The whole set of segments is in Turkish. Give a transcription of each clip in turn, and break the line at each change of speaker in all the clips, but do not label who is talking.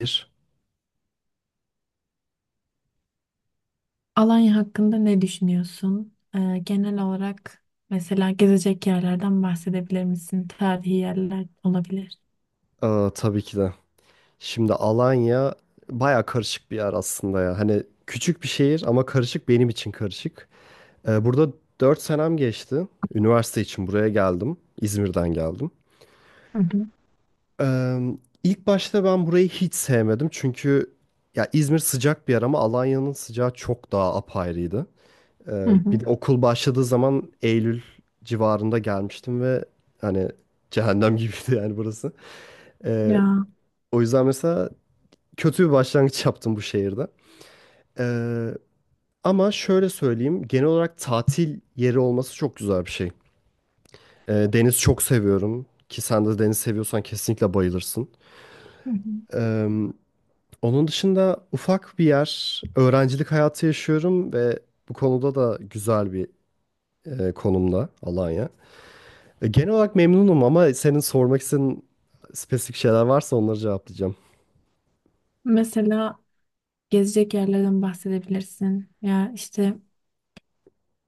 Bir.
Alanya hakkında ne düşünüyorsun? Genel olarak mesela gezecek yerlerden bahsedebilir misin? Tarihi yerler olabilir.
Tabii ki de. Şimdi Alanya baya karışık bir yer aslında ya. Hani küçük bir şehir ama karışık benim için karışık. Burada 4 senem geçti. Üniversite için buraya geldim. İzmir'den geldim.
Hı hı.
Ee, ilk başta ben burayı hiç sevmedim. Çünkü ya İzmir sıcak bir yer ama Alanya'nın sıcağı çok daha apayrıydı.
Hı
Bir de
hı.
okul başladığı zaman Eylül civarında gelmiştim ve hani cehennem gibiydi yani burası. Ee,
Ya,
o yüzden mesela kötü bir başlangıç yaptım bu şehirde. Ee, ama şöyle söyleyeyim, genel olarak tatil yeri olması çok güzel bir şey. Deniz çok seviyorum ki sen de deniz seviyorsan kesinlikle bayılırsın.
hı hı,
Ee, onun dışında ufak bir yer, öğrencilik hayatı yaşıyorum ve bu konuda da güzel bir konumda Alanya. Genel olarak memnunum ama senin sormak istediğin spesifik şeyler varsa onları cevaplayacağım.
mesela gezecek yerlerden bahsedebilirsin. Ya işte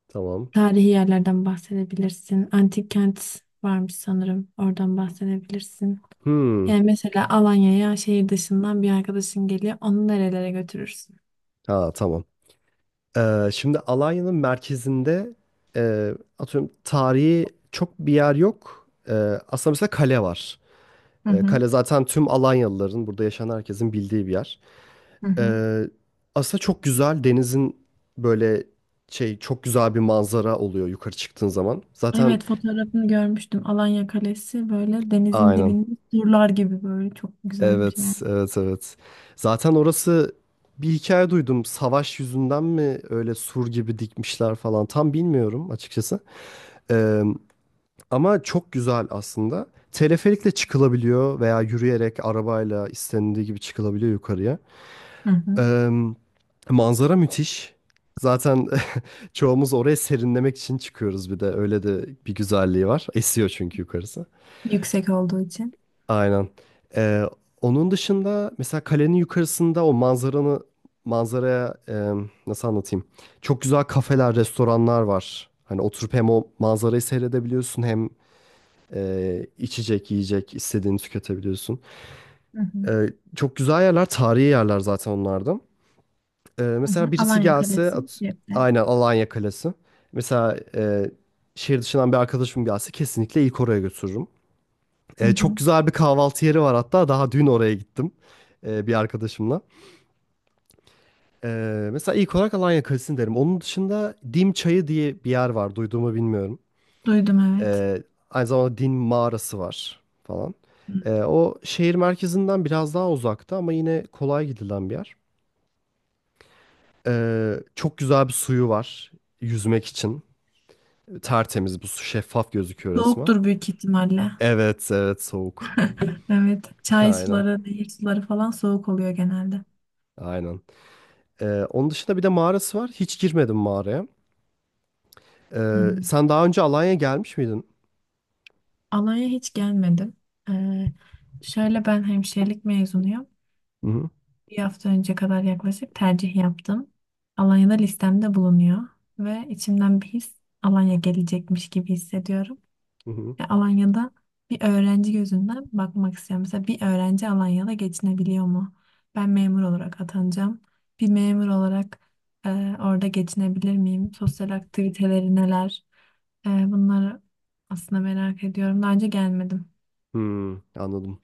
Tamam.
tarihi yerlerden bahsedebilirsin. Antik kent varmış sanırım. Oradan bahsedebilirsin.
Hmm.
Yani mesela Alanya'ya şehir dışından bir arkadaşın geliyor. Onu nerelere götürürsün?
Ha, tamam. Şimdi Alanya'nın merkezinde e, atıyorum tarihi çok bir yer yok. Aslında mesela kale var.
Hı hı.
Kale zaten tüm Alanyalıların, burada yaşayan herkesin bildiği bir yer.
Hı hı.
Ee, aslında çok güzel denizin böyle çok güzel bir manzara oluyor yukarı çıktığın zaman. Zaten
Evet, fotoğrafını görmüştüm. Alanya Kalesi böyle denizin
aynen.
dibinde surlar gibi böyle çok güzelmiş yani.
Evet, evet, evet. Zaten orası bir hikaye duydum. Savaş yüzünden mi öyle sur gibi dikmişler falan tam bilmiyorum açıkçası. Ama çok güzel aslında. Teleferikle çıkılabiliyor veya yürüyerek arabayla istenildiği gibi çıkılabiliyor yukarıya.
Hı hı.
Eee, manzara müthiş. Zaten çoğumuz oraya serinlemek için çıkıyoruz bir de. Öyle de bir güzelliği var. Esiyor çünkü yukarısı.
Yüksek olduğu için.
Aynen. Eee, onun dışında mesela kalenin yukarısında o manzaranı manzaraya nasıl anlatayım? Çok güzel kafeler, restoranlar var. Hani oturup hem o manzarayı seyredebiliyorsun hem içecek, yiyecek istediğini tüketebiliyorsun.
Hı hı.
Ee, çok güzel yerler, tarihi yerler zaten onlarda.
Hı hı.
Mesela birisi
Alanya
gelse,
Kalesi Cep'te.
aynen Alanya Kalesi. Mesela şehir dışından bir arkadaşım gelse kesinlikle ilk oraya götürürüm.
Hı
Çok
hı.
güzel bir kahvaltı yeri var hatta daha dün oraya gittim bir arkadaşımla. Mesela ilk olarak Alanya Kalesi'ni derim. Onun dışında Dim Çayı diye bir yer var, duyduğumu bilmiyorum.
Duydum, evet.
Ee, aynı zamanda din mağarası var falan. O şehir merkezinden biraz daha uzakta ama yine kolay gidilen bir yer. Çok güzel bir suyu var yüzmek için. Tertemiz bu su şeffaf gözüküyor resmen.
Soğuktur büyük ihtimalle.
Evet, evet, soğuk.
Evet. Çay
Aynen,
suları, nehir suları falan soğuk oluyor genelde.
aynen. Onun dışında bir de mağarası var. Hiç girmedim mağaraya.
Hmm.
Sen daha önce Alanya'ya gelmiş miydin?
Alanya hiç gelmedim. Ee, Şöyle, ben hemşirelik mezunuyum.
Hı hı.
Bir hafta önce kadar yaklaşık tercih yaptım. Alanya'da listemde bulunuyor ve içimden bir his Alanya gelecekmiş gibi hissediyorum.
Hı hı.
Ya Alanya'da bir öğrenci gözünden bakmak istiyorum. Mesela bir öğrenci Alanya'da geçinebiliyor mu? Ben memur olarak atanacağım. Bir memur olarak e, orada geçinebilir miyim? Sosyal aktiviteleri neler? Bunları aslında merak ediyorum. Daha önce gelmedim.
Hmm, anladım.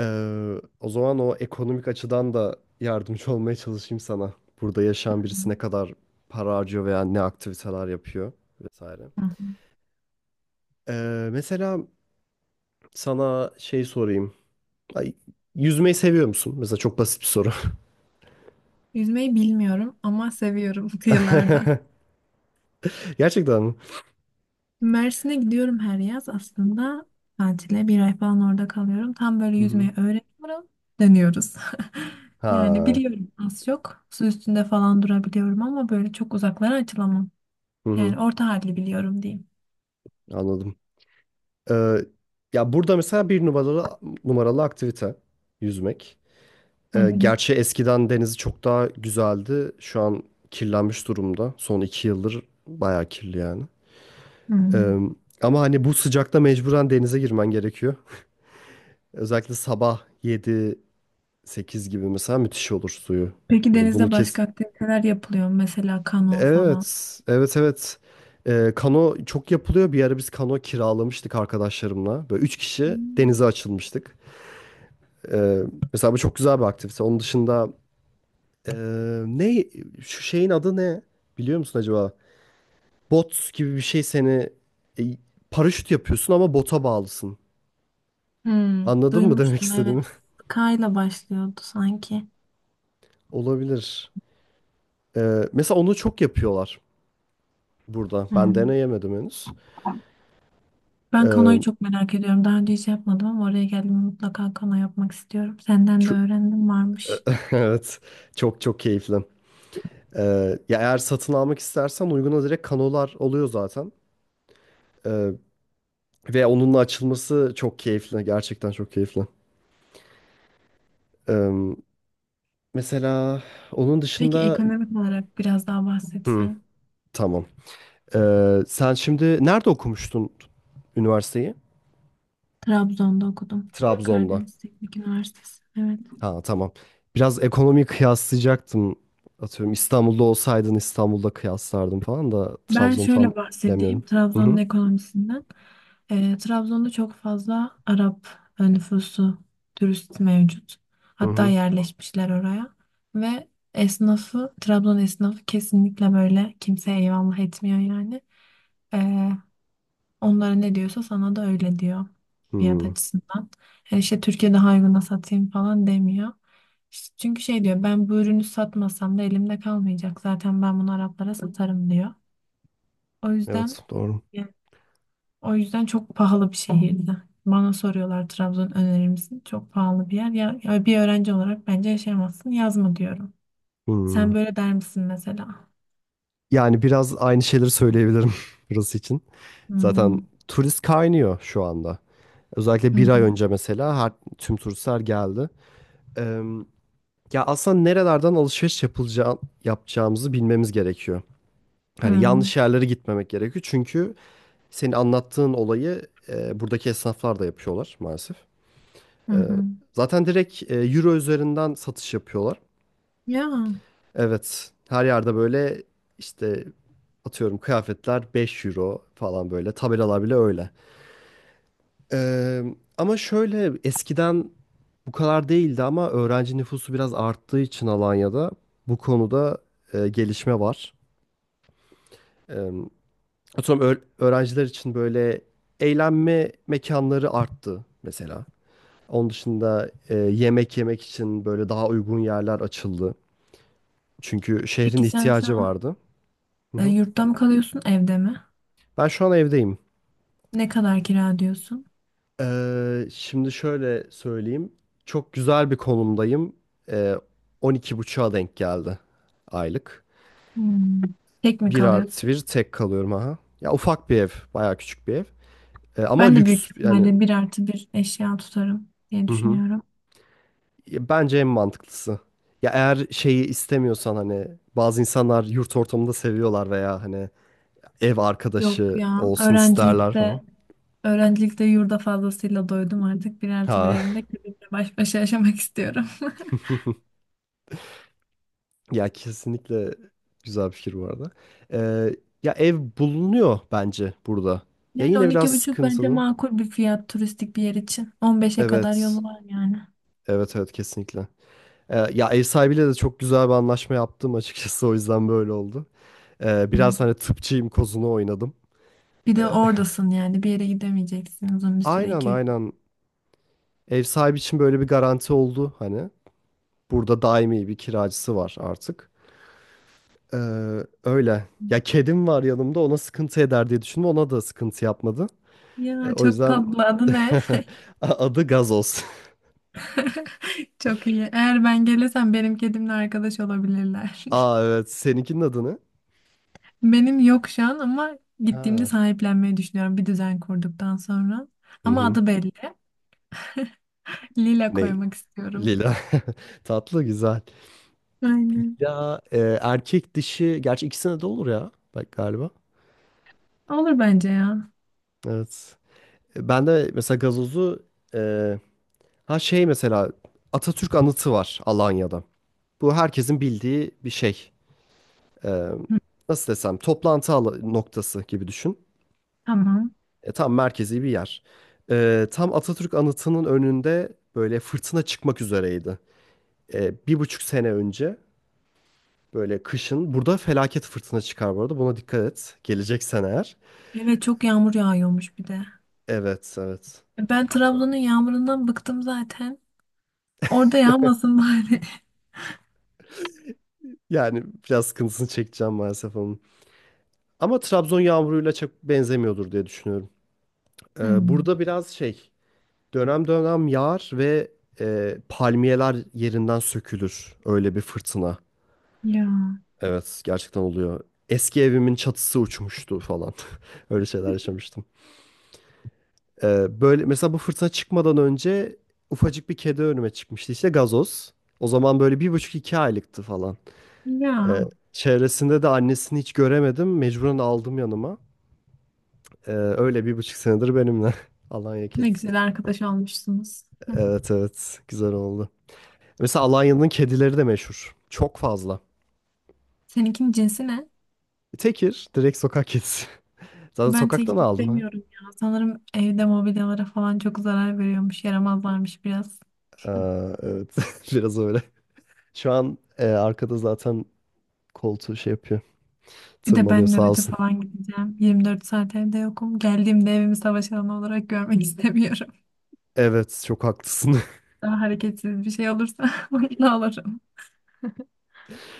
Ee, o zaman o ekonomik açıdan da yardımcı olmaya çalışayım sana. Burada yaşayan
Hı
birisi ne kadar para harcıyor veya ne aktiviteler yapıyor vesaire.
hı.
Mesela sana şey sorayım. Ay, yüzmeyi seviyor musun? Mesela çok basit bir soru.
Yüzmeyi bilmiyorum ama seviyorum kıyılarda.
Gerçekten mi?
Mersin'e gidiyorum her yaz aslında tatile. Bir ay falan orada kalıyorum. Tam böyle
Hı hı.
yüzmeyi öğreniyorum. Dönüyoruz. Yani
Ha,
biliyorum az çok. Su üstünde falan durabiliyorum ama böyle çok uzaklara açılamam.
hı hı,
Yani orta halli biliyorum diyeyim.
anladım. Ee, ya burada mesela bir numaralı aktivite yüzmek.
Hı hı.
Gerçi eskiden denizi çok daha güzeldi. Şu an kirlenmiş durumda. Son iki yıldır bayağı kirli yani. Ee,
Hmm.
ama hani bu sıcakta mecburen denize girmen gerekiyor. Özellikle sabah yedi sekiz gibi mesela müthiş olur suyu.
Peki
Bunu
denizde
kes...
başka aktiviteler yapılıyor mu? Mesela kano falan.
Evet, evet, evet. Kano çok yapılıyor. Bir ara biz kano kiralamıştık arkadaşlarımla. Böyle üç kişi
Hmm.
denize açılmıştık. Ee, mesela bu çok güzel bir aktivite. Onun dışında Ee, ne şu şeyin adı ne? Biliyor musun acaba? Bot gibi bir şey seni e, paraşüt yapıyorsun ama bota bağlısın.
Hmm.
Anladın mı demek
Duymuştum,
istediğimi?
evet. Kayla başlıyordu sanki.
Olabilir. Mesela onu çok yapıyorlar burada. Ben deneyemedim henüz.
Ben kanoyu
Ee,
çok merak ediyorum. Daha önce hiç yapmadım ama oraya geldiğimde mutlaka kano yapmak istiyorum. Senden de
ço-
öğrendim varmış.
evet. Çok çok keyifli. Ya eğer satın almak istersen uyguna direkt kanolar oluyor zaten. Ee, ve onunla açılması çok keyifli. Gerçekten çok keyifli. Ee, mesela onun
Peki
dışında...
ekonomik olarak biraz daha
Hı,
bahsetsen.
tamam. Sen şimdi nerede okumuştun üniversiteyi?
Trabzon'da okudum.
Trabzon'da.
Karadeniz Teknik Üniversitesi. Evet.
Ha, tamam. Biraz ekonomiyi kıyaslayacaktım. Atıyorum İstanbul'da olsaydın İstanbul'da kıyaslardım falan da
Ben
Trabzon'u tam
şöyle bahsedeyim
bilemiyorum. Hı
Trabzon'un
hı.
ekonomisinden. Trabzon'da çok fazla Arap nüfusu, turist mevcut.
Hı
Hatta
hı.
yerleşmişler oraya. Ve esnafı, Trabzon esnafı kesinlikle böyle kimseye eyvallah etmiyor yani. Ee, Onlara ne diyorsa sana da öyle diyor fiyat
Hı.
açısından. Yani işte Türkiye'de uyguna satayım falan demiyor. İşte çünkü şey diyor, ben bu ürünü satmasam da elimde kalmayacak. Zaten ben bunu Araplara satarım diyor. O yüzden
Evet, doğru.
yani o yüzden çok pahalı bir şehirdi. Bana soruyorlar, Trabzon önerir misin? Çok pahalı bir yer. Ya, bir öğrenci olarak bence yaşayamazsın. Yazma diyorum.
Hı.
Sen böyle der misin mesela?
Yani biraz aynı şeyleri söyleyebilirim burası için. Zaten
Hmm.
turist kaynıyor şu anda. Özellikle
Hı
bir
hı.
ay önce mesela tüm turistler geldi. Ya aslında nerelerden alışveriş yapılacağı, yapacağımızı bilmemiz gerekiyor.
Hı
Hani
hı.
yanlış yerlere gitmemek gerekiyor. Çünkü senin anlattığın olayı buradaki esnaflar da yapıyorlar maalesef.
Hı
E,
hı.
zaten direkt euro üzerinden satış yapıyorlar.
Ya.
Evet, her yerde böyle işte atıyorum kıyafetler 5 euro falan böyle tabelalar bile öyle. E, ama şöyle eskiden bu kadar değildi ama öğrenci nüfusu biraz arttığı için Alanya'da bu konuda gelişme var. Eee, atıyorum öğrenciler için böyle eğlenme mekanları arttı mesela. Onun dışında yemek yemek için böyle daha uygun yerler açıldı. Çünkü şehrin
Peki, sen
ihtiyacı
sen
vardı. Hı hı.
Yurtta mı kalıyorsun, evde mi?
Ben şu an evdeyim.
Ne kadar kira diyorsun?
Şimdi şöyle söyleyeyim. Çok güzel bir konumdayım. Eee 12,5'a denk geldi aylık.
Hmm. Tek mi
Bir artı
kalıyorsun?
bir tek kalıyorum aha. Ya ufak bir ev, bayağı küçük bir ev. Ama
Ben de büyük
lüks yani.
ihtimalle bir artı bir eşya tutarım diye
Hı hı.
düşünüyorum.
Ya, bence en mantıklısı. Ya eğer şeyi istemiyorsan hani bazı insanlar yurt ortamında seviyorlar veya hani ev
Yok
arkadaşı
ya,
olsun isterler
öğrencilikte
falan.
öğrencilikte yurda fazlasıyla doydum artık. Bir artı bir
Ha,
evimde kendimle baş başa yaşamak istiyorum.
ya kesinlikle güzel bir fikir bu arada. Ee, ya ev bulunuyor bence burada. Ya
Yani
yine biraz
12,5 bence
sıkıntılı.
makul bir fiyat turistik bir yer için. 15'e kadar
Evet.
yolu var yani.
Evet, evet, kesinlikle. Ya ev sahibiyle de çok güzel bir anlaşma yaptım açıkçası o yüzden böyle oldu. Biraz hani
Hmm.
tıpçıyım kozunu oynadım.
Bir
Ee,
de oradasın, yani bir yere gidemeyeceksin uzun bir süre,
aynen
iki üç.
aynen Ev sahibi için böyle bir garanti oldu hani. Burada daimi bir kiracısı var artık. Ee, öyle. Ya kedim var yanımda ona sıkıntı eder diye düşündüm. Ona da sıkıntı yapmadı.
Ya
O
çok
yüzden
tatlı, adı ne?
adı Gazoz.
Çok iyi. Eğer ben gelirsem benim kedimle arkadaş olabilirler.
Aa, evet, seninkinin adı ne?
Benim yok şu an ama gittiğimde
Ha.
sahiplenmeyi düşünüyorum bir düzen kurduktan sonra.
Hı
Ama
hı.
adı belli. Lila
Ne?
koymak istiyorum.
Lila. Tatlı, güzel.
Aynen.
Ya erkek dişi gerçi ikisine de olur ya. Bak galiba.
Olur bence ya.
Evet. Ben de mesela gazozu. e, Mesela Atatürk anıtı var Alanya'da. Bu herkesin bildiği bir şey. Ee,
Hı,
nasıl desem toplantı noktası gibi düşün.
tamam.
Tam merkezi bir yer. Tam Atatürk Anıtı'nın önünde böyle fırtına çıkmak üzereydi. Bir buçuk sene önce böyle kışın burada felaket fırtına çıkar bu arada. Buna dikkat et. Geleceksen eğer.
Evet, çok yağmur yağıyormuş bir de.
Evet, evet.
Ben Trabzon'un yağmurundan bıktım zaten. Orada yağmasın bari.
Yani biraz sıkıntısını çekeceğim maalesef onun. Ama Trabzon yağmuruyla çok benzemiyordur diye düşünüyorum.
Hmm.
Burada biraz dönem dönem yağar ve palmiyeler yerinden sökülür. Öyle bir fırtına.
Ya.
Evet, gerçekten oluyor. Eski evimin çatısı uçmuştu falan. Öyle şeyler yaşamıştım. Böyle mesela bu fırtına çıkmadan önce ufacık bir kedi önüme çıkmıştı. İşte gazoz. O zaman böyle bir buçuk iki aylıktı falan. E,
Ya.
çevresinde de annesini hiç göremedim. Mecburen aldım yanıma. Öyle bir buçuk senedir benimle. Alanya
Ne
kedisi.
güzel arkadaş olmuşsunuz.
Evet, evet, güzel oldu. Mesela Alanya'nın kedileri de meşhur. Çok fazla.
Seninkinin cinsi ne?
Tekir direkt sokak kedisi. Zaten
Ben
sokaktan
tek
aldım ha.
istemiyorum ya. Sanırım evde mobilyalara falan çok zarar veriyormuş. Yaramazlarmış biraz.
Aa, evet, biraz öyle. Şu an arkada zaten koltuğu şey yapıyor.
Bir de
Tırmalıyor
ben
sağ
nöbete
olsun.
falan gideceğim. 24 saat evde yokum. Geldiğimde evimi savaş alanı olarak görmek istemiyorum.
Evet, çok haklısın.
Daha hareketsiz bir şey olursa mutlu olurum.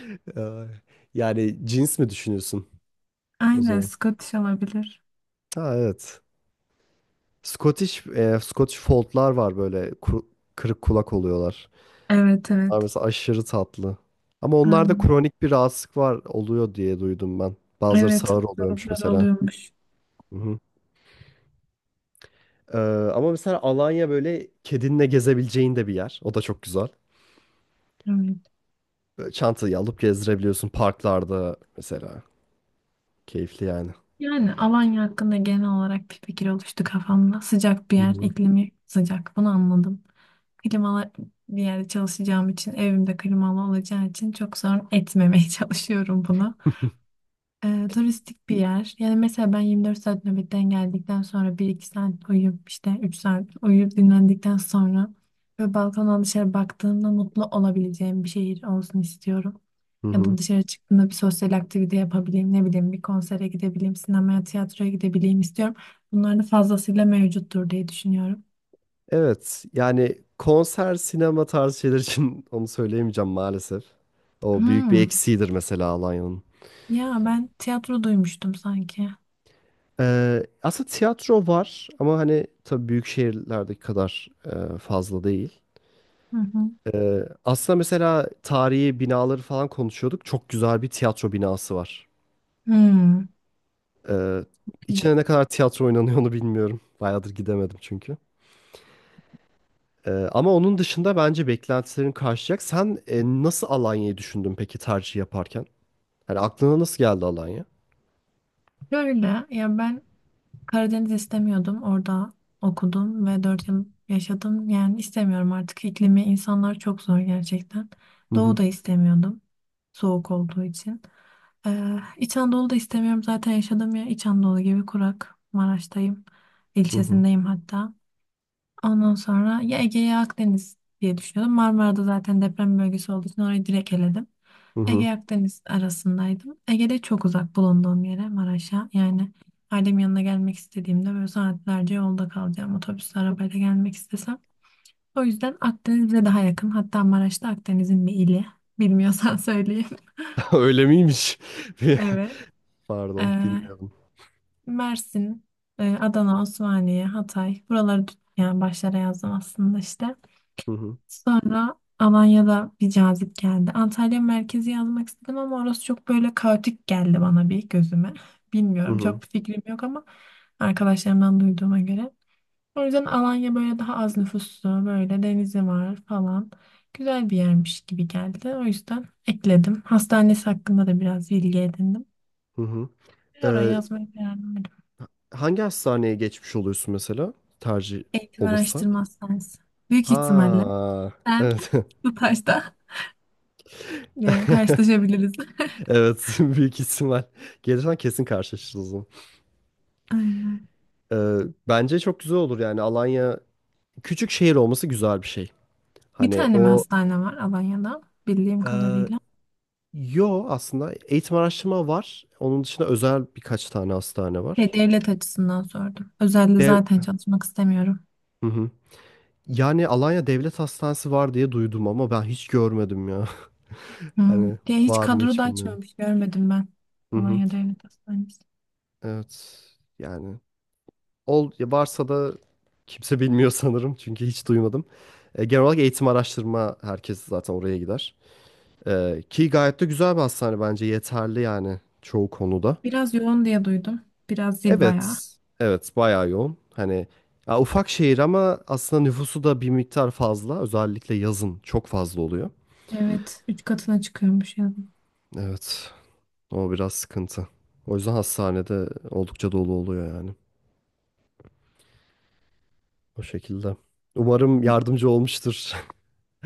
Ay. Yani cins mi düşünüyorsun o
Aynen,
zaman?
Scottish olabilir.
Ha, evet. Scottish Fold'lar var böyle kırık kulak oluyorlar.
Evet,
Onlar
evet.
mesela aşırı tatlı. Ama onlarda
Aynen.
kronik bir rahatsızlık var oluyor diye duydum ben. Bazıları
Evet,
sağır oluyormuş
hastalıklar
mesela.
oluyormuş.
Hı. Ee, ama mesela Alanya böyle kedinle gezebileceğin de bir yer. O da çok güzel.
Evet.
Böyle çantayı alıp gezdirebiliyorsun parklarda mesela. Keyifli yani.
Yani Alanya hakkında genel olarak bir fikir oluştu kafamda. Sıcak bir
Hı
yer,
hı.
iklimi sıcak. Bunu anladım. Klimalı bir yerde çalışacağım için, evimde klimalı olacağı için çok sorun etmemeye çalışıyorum bunu. Turistik bir yer. Yani mesela ben 24 saat nöbetten geldikten sonra bir iki saat uyuyup işte 3 saat uyuyup dinlendikten sonra ve balkondan dışarı baktığımda mutlu olabileceğim bir şehir olsun istiyorum.
Hı
Ya
hı.
da dışarı çıktığımda bir sosyal aktivite yapabileyim, ne bileyim, bir konsere gidebileyim, sinemaya, tiyatroya gidebileyim istiyorum. Bunlar da fazlasıyla mevcuttur diye düşünüyorum.
Evet, yani konser, sinema tarzı şeyler için onu söyleyemeyeceğim maalesef. O büyük bir
Hmm.
eksiğidir mesela Alanya'nın.
Ya ben tiyatro duymuştum sanki.
Aslında tiyatro var ama hani tabii büyük şehirlerdeki kadar fazla değil.
Hı hı.
Aslında mesela tarihi binaları falan konuşuyorduk. Çok güzel bir tiyatro binası var.
Hmm.
Ee, içine
İyi.
ne kadar tiyatro oynanıyor onu bilmiyorum. Bayağıdır gidemedim çünkü. Ama onun dışında bence beklentilerin karşılayacak. Sen nasıl Alanya'yı düşündün peki tercih yaparken? Hani aklına nasıl geldi Alanya?
Şöyle, ya ben Karadeniz istemiyordum. Orada okudum ve 4 yıl yaşadım. Yani istemiyorum artık. İklimi, insanlar çok zor gerçekten.
Hı
Doğu
hı,
da istemiyordum. Soğuk olduğu için. İç Anadolu'da istemiyorum. Zaten yaşadığım yer İç Anadolu gibi kurak. Maraş'tayım.
hı hı.
İlçesindeyim hatta. Ondan sonra ya Ege ya Akdeniz diye düşünüyordum. Marmara'da zaten deprem bölgesi olduğu için orayı direkt eledim.
Hı hı.
Ege Akdeniz arasındaydım. Ege'de çok uzak bulunduğum yere, Maraş'a. Yani ailemin yanına gelmek istediğimde böyle saatlerce yolda kalacağım. Otobüsle, arabayla gelmek istesem. O yüzden Akdeniz bize daha yakın. Hatta Maraş'ta Akdeniz'in bir ili. Bilmiyorsan söyleyeyim.
Öyle miymiş?
Evet. Ee,
Pardon, bilmiyorum.
Mersin, Adana, Osmaniye, Hatay. Buraları yani başlara yazdım aslında işte.
Hı hı,
Sonra Alanya'da bir cazip geldi. Antalya merkezi yazmak istedim ama orası çok böyle kaotik geldi bana bir gözüme.
hı
Bilmiyorum,
hı.
çok bir fikrim yok ama arkadaşlarımdan duyduğuma göre. O yüzden Alanya böyle daha az nüfuslu, böyle denizi var falan. Güzel bir yermiş gibi geldi. O yüzden ekledim. Hastanesi hakkında da biraz bilgi edindim.
Hı hı.
Ve oraya
Ee,
yazmaya karar verdim.
hangi hastaneye geçmiş oluyorsun mesela? Tercih
Eğitim
olursa?
Araştırma Hastanesi. Büyük ihtimalle
Ha,
sen
evet.
bu taşta karşılaşabiliriz.
Evet, büyük ihtimal. Gelirsen kesin karşılaşırız.
Aynen.
Ee, bence çok güzel olur yani Alanya küçük şehir olması güzel bir şey.
Bir
Hani
tane mi
o
hastane var Alanya'da bildiğim
e,
kadarıyla?
yo aslında eğitim araştırma var. Onun dışında özel birkaç tane hastane
Şey,
var.
devlet açısından sordum. Özelde
Dev,
zaten çalışmak istemiyorum.
hı hı. Yani Alanya Devlet Hastanesi var diye duydum ama ben hiç görmedim ya.
Hmm.
Hani
Diye hiç
var mı
kadro da
hiç bilmiyorum.
açmamış, görmedim ben.
Hı hı.
Alanya Devlet Hastanesi.
Evet, yani ol ya varsa da kimse bilmiyor sanırım çünkü hiç duymadım. Genel olarak eğitim araştırma herkes zaten oraya gider. Ki gayet de güzel bir hastane bence yeterli yani çoğu konuda.
Biraz yoğun diye duydum. Biraz zil bayağı.
Evet, evet, bayağı yoğun. Hani ya ufak şehir ama aslında nüfusu da bir miktar fazla. Özellikle yazın çok fazla oluyor.
Evet, 3 katına çıkıyormuş yazın.
Evet, o biraz sıkıntı. O yüzden hastanede oldukça dolu oluyor yani. O şekilde. Umarım yardımcı olmuştur.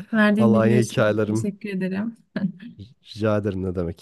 Verdiğim
Alanya
bilgi için çok
hikayelerim.
teşekkür ederim.
Rica ederim, ne demek.